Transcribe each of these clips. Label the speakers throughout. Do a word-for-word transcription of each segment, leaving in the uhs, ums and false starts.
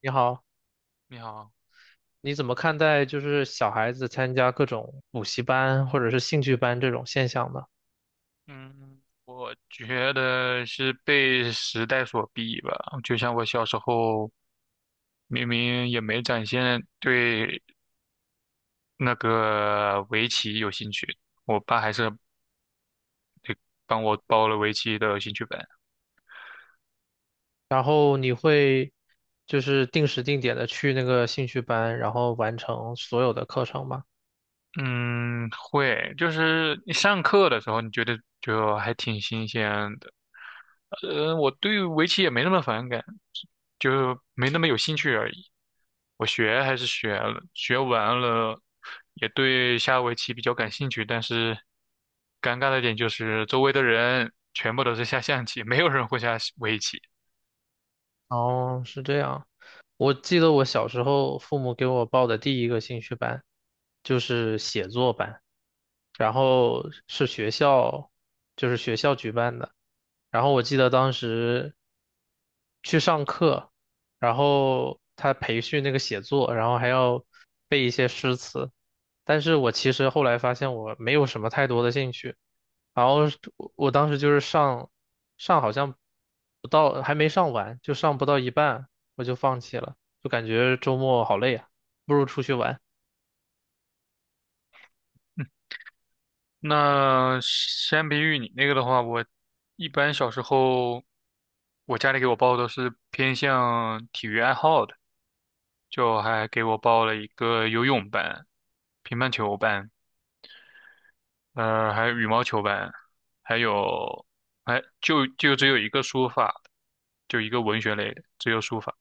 Speaker 1: 你好，
Speaker 2: 你好，
Speaker 1: 你怎么看待就是小孩子参加各种补习班或者是兴趣班这种现象呢？
Speaker 2: 嗯，我觉得是被时代所逼吧。就像我小时候，明明也没展现对那个围棋有兴趣，我爸还是帮我报了围棋的兴趣班。
Speaker 1: 然后你会就是定时定点的去那个兴趣班，然后完成所有的课程吗？
Speaker 2: 嗯，会，就是你上课的时候，你觉得就还挺新鲜的。呃，我对围棋也没那么反感，就没那么有兴趣而已。我学还是学了，学完了，也对下围棋比较感兴趣。但是尴尬的点就是周围的人全部都是下象棋，没有人会下围棋。
Speaker 1: 哦，是这样。我记得我小时候父母给我报的第一个兴趣班就是写作班，然后是学校，就是学校举办的。然后我记得当时去上课，然后他培训那个写作，然后还要背一些诗词。但是我其实后来发现我没有什么太多的兴趣，然后是我我当时就是上上好像不到还没上完，就上不到一半我就放弃了，就感觉周末好累啊，不如出去玩。
Speaker 2: 那相比于你那个的话，我一般小时候，我家里给我报都是偏向体育爱好的，就还给我报了一个游泳班、乒乓球班。呃，还有羽毛球班，还有，哎，就就只有一个书法，就一个文学类的，只有书法。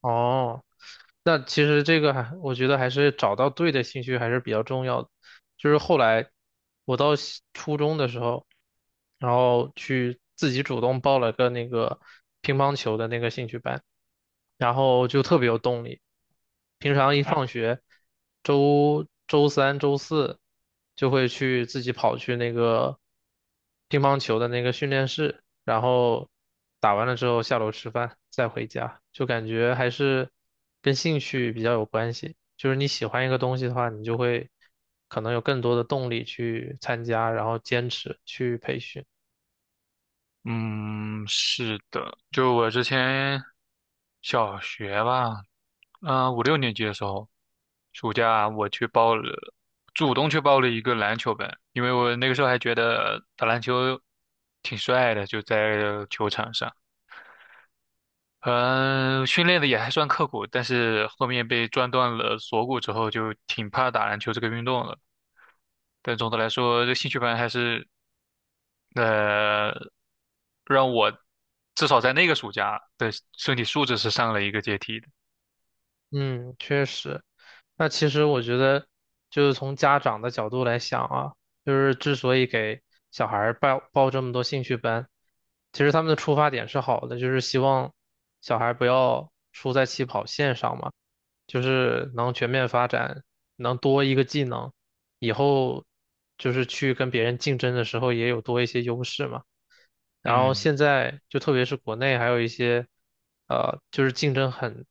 Speaker 1: 哦，那其实这个还，我觉得还是找到对的兴趣还是比较重要的。就是后来我到西初中的时候，然后去自己主动报了个那个乒乓球的那个兴趣班，然后就特别有动力。平常一放学，周周三、周四就会去自己跑去那个乒乓球的那个训练室，然后打完了之后下楼吃饭，再回家，就感觉还是跟兴趣比较有关系。就是你喜欢一个东西的话，你就会可能有更多的动力去参加，然后坚持去培训。
Speaker 2: 嗯，是的，就我之前小学吧，啊、五六年级的时候，暑假我去报了，主动去报了一个篮球班，因为我那个时候还觉得打篮球挺帅的，就在球场上。嗯，训练的也还算刻苦，但是后面被撞断了锁骨之后，就挺怕打篮球这个运动了。但总的来说，这兴趣班还是，呃，让我至少在那个暑假的身体素质是上了一个阶梯的。
Speaker 1: 嗯，确实。那其实我觉得，就是从家长的角度来想啊，就是之所以给小孩儿报报这么多兴趣班，其实他们的出发点是好的，就是希望小孩不要输在起跑线上嘛，就是能全面发展，能多一个技能，以后就是去跟别人竞争的时候也有多一些优势嘛。然后
Speaker 2: 嗯
Speaker 1: 现在就特别是国内还有一些，呃，就是竞争很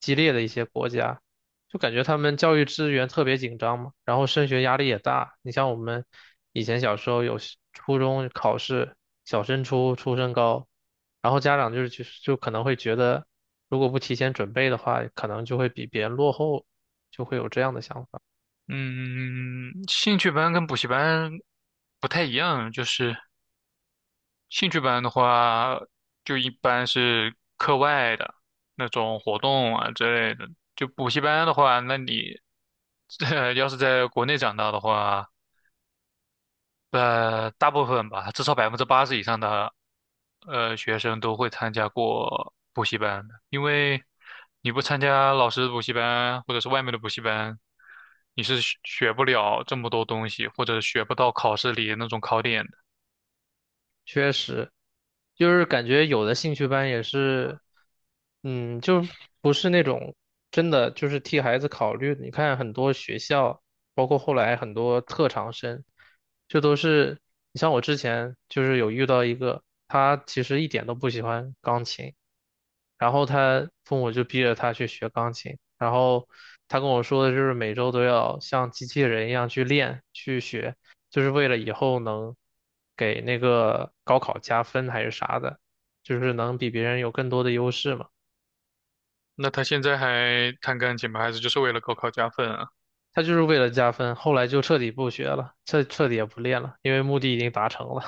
Speaker 1: 激烈的一些国家，就感觉他们教育资源特别紧张嘛，然后升学压力也大。你像我们以前小时候有时初中考试，小升初、初升高，然后家长就是就就可能会觉得，如果不提前准备的话，可能就会比别人落后，就会有这样的想法。
Speaker 2: 嗯，嗯嗯嗯兴趣班跟补习班不太一样，就是。兴趣班的话，就一般是课外的那种活动啊之类的。就补习班的话，那你 呃要是在国内长大的话，呃，大部分吧，至少百分之八十以上的呃学生都会参加过补习班的，因为你不参加老师的补习班或者是外面的补习班，你是学学不了这么多东西，或者学不到考试里那种考点。
Speaker 1: 确实，就是感觉有的兴趣班也是，嗯，就不是那种真的就是替孩子考虑的，你看很多学校，包括后来很多特长生，就都是，你像我之前就是有遇到一个，他其实一点都不喜欢钢琴。然后他父母就逼着他去学钢琴，然后他跟我说的就是每周都要像机器人一样去练去学，就是为了以后能给那个高考加分还是啥的，就是能比别人有更多的优势嘛。
Speaker 2: 那他现在还弹钢琴吗？还是就是为了高考加分啊？
Speaker 1: 他就是为了加分，后来就彻底不学了，彻彻底也不练了，因为目的已经达成了，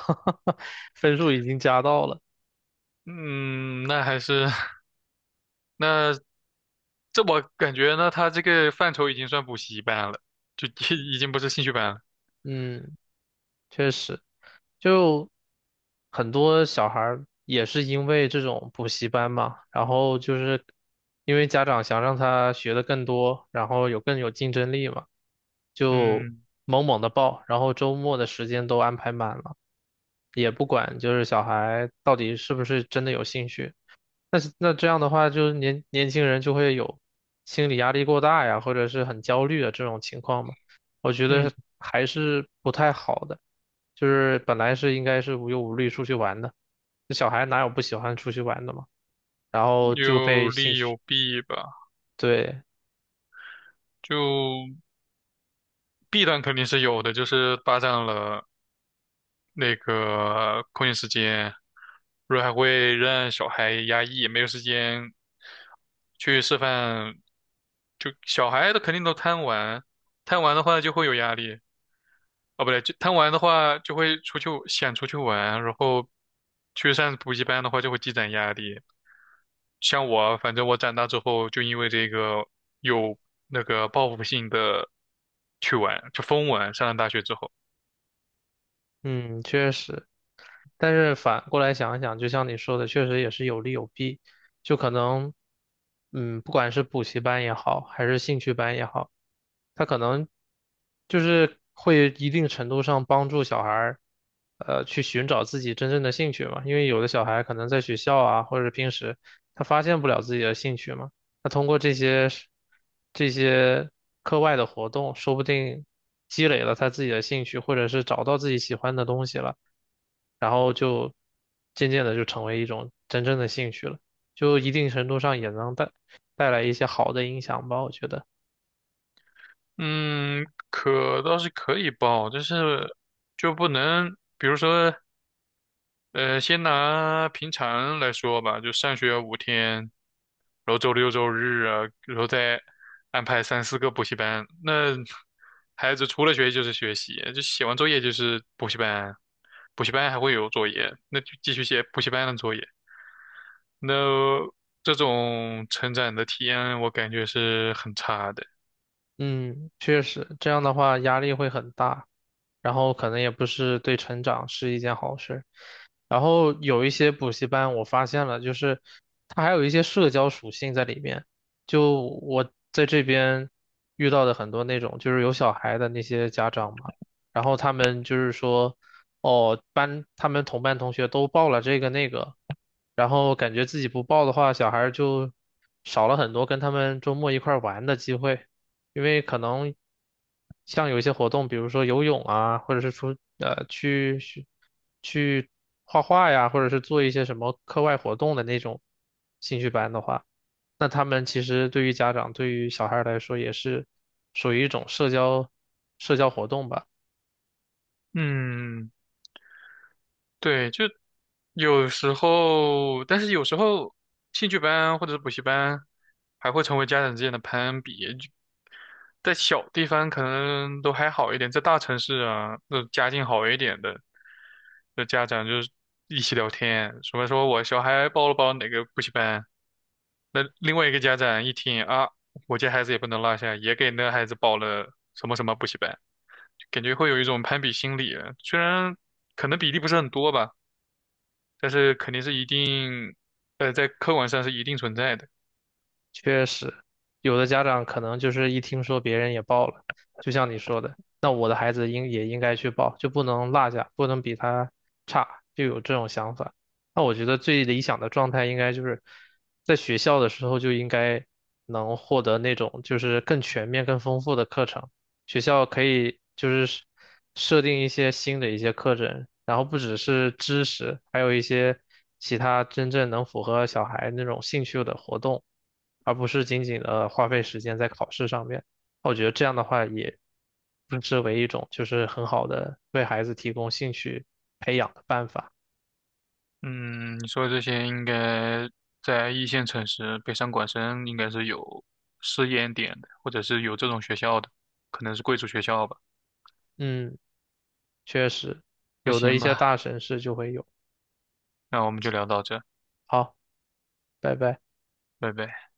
Speaker 1: 分数已经加到了。
Speaker 2: 嗯，那还是。 那这我感觉呢，他这个范畴已经算补习班了，就 已经不是兴趣班了。
Speaker 1: 嗯，确实。就很多小孩儿也是因为这种补习班嘛，然后就是因为家长想让他学的更多，然后有更有竞争力嘛，就
Speaker 2: 嗯
Speaker 1: 猛猛的报，然后周末的时间都安排满了，也不管就是小孩到底是不是真的有兴趣。那这样的话，就是年年轻人就会有心理压力过大呀，或者是很焦虑的这种情况嘛，我觉
Speaker 2: 嗯，
Speaker 1: 得还是不太好的。就是本来是应该是无忧无虑出去玩的，这小孩哪有不喜欢出去玩的嘛？然后就
Speaker 2: 有
Speaker 1: 被兴
Speaker 2: 利
Speaker 1: 趣，
Speaker 2: 有弊吧。
Speaker 1: 对，
Speaker 2: 就弊端肯定是有的，就是霸占了那个空闲时间，不是还会让小孩压抑，没有时间去吃饭，就小孩的肯定都贪玩，贪玩的话就会有压力，哦，不对，就贪玩的话就会出去想出去玩，然后去上补习班的话就会积攒压力。像我，反正我长大之后就因为这个有那个报复性的去玩，就疯玩。上了大学之后。
Speaker 1: 嗯，确实。但是反过来想一想，就像你说的，确实也是有利有弊。就可能，嗯，不管是补习班也好，还是兴趣班也好，它可能就是会一定程度上帮助小孩儿，呃，去寻找自己真正的兴趣嘛。因为有的小孩可能在学校啊，或者是平时他发现不了自己的兴趣嘛，那通过这些是这些课外的活动，说不定积累了他自己的兴趣，或者是找到自己喜欢的东西了。然后就渐渐的就成为一种真正的兴趣了，就一定程度上也能带带来一些好的影响吧，我觉得。
Speaker 2: 嗯，可倒是可以报，但是就不能，比如说，呃，先拿平常来说吧，就上学五天，然后周六周日啊，然后再安排三四个补习班，那孩子除了学习就是学习，就写完作业就是补习班，补习班还会有作业，那就继续写补习班的作业，那这种成长的体验我感觉是很差的，
Speaker 1: 嗯，确实，这样的话压力会很大。然后可能也不是对成长是一件好事。然后有一些补习班，我发现了，就是它还有一些社交属性在里面。就我在这边遇到的很多那种，就是有小孩的那些家长嘛，然后他们就是说，哦，班他们同班同学都报了这个那个，然后感觉自己不报的话，小孩儿就少了很多跟他们周末一块儿玩的机会。因为可能像有一些活动，比如说游泳啊，或者是出呃去去去画画呀，或者是做一些什么课外活动的那种兴趣班的话，那他们其实对于家长对于小孩儿来说也是属于一种社交社交活动吧。
Speaker 2: 嗯。对，就有时候，但是有时候兴趣班或者是补习班还会成为家长之间的攀比。就在小地方可能都还好一点，在大城市啊，那家境好一点的，的家长就是一起聊天，什么说我小孩报了报哪个补习班，那另外一个家长一听啊，我家孩子也不能落下，也给那孩子报了什么什么补习班，感觉会有一种攀比心理啊，虽然可能比例不是很多吧。但是肯定是一定，呃，在客观上是一定存在的。
Speaker 1: 确实，有的家长可能就是一听说别人也报了，就像你说的，那我的孩子应也应该去报，就不能落下，不能比他差，就有这种想法。那我觉得最理想的状态应该就是在学校的时候就应该能获得那种就是更全面、更丰富的课程。学校可以就是设定一些新的一些课程，然后不只是知识，还有一些其他真正能符合小孩那种兴趣的活动。而不是仅仅的花费时间在考试上面。我觉得这样的话也不失为一种就是很好的为孩子提供兴趣培养的办法。
Speaker 2: 嗯，你说的这些应该在一线城市，北上广深应该是有试验点的，或者是有这种学校的，可能是贵族学校吧。
Speaker 1: 嗯，确实，
Speaker 2: 那
Speaker 1: 有的一
Speaker 2: 行
Speaker 1: 些
Speaker 2: 吧，
Speaker 1: 大城市就会有。
Speaker 2: 那我们就聊到这，
Speaker 1: 好，拜拜。
Speaker 2: 拜拜。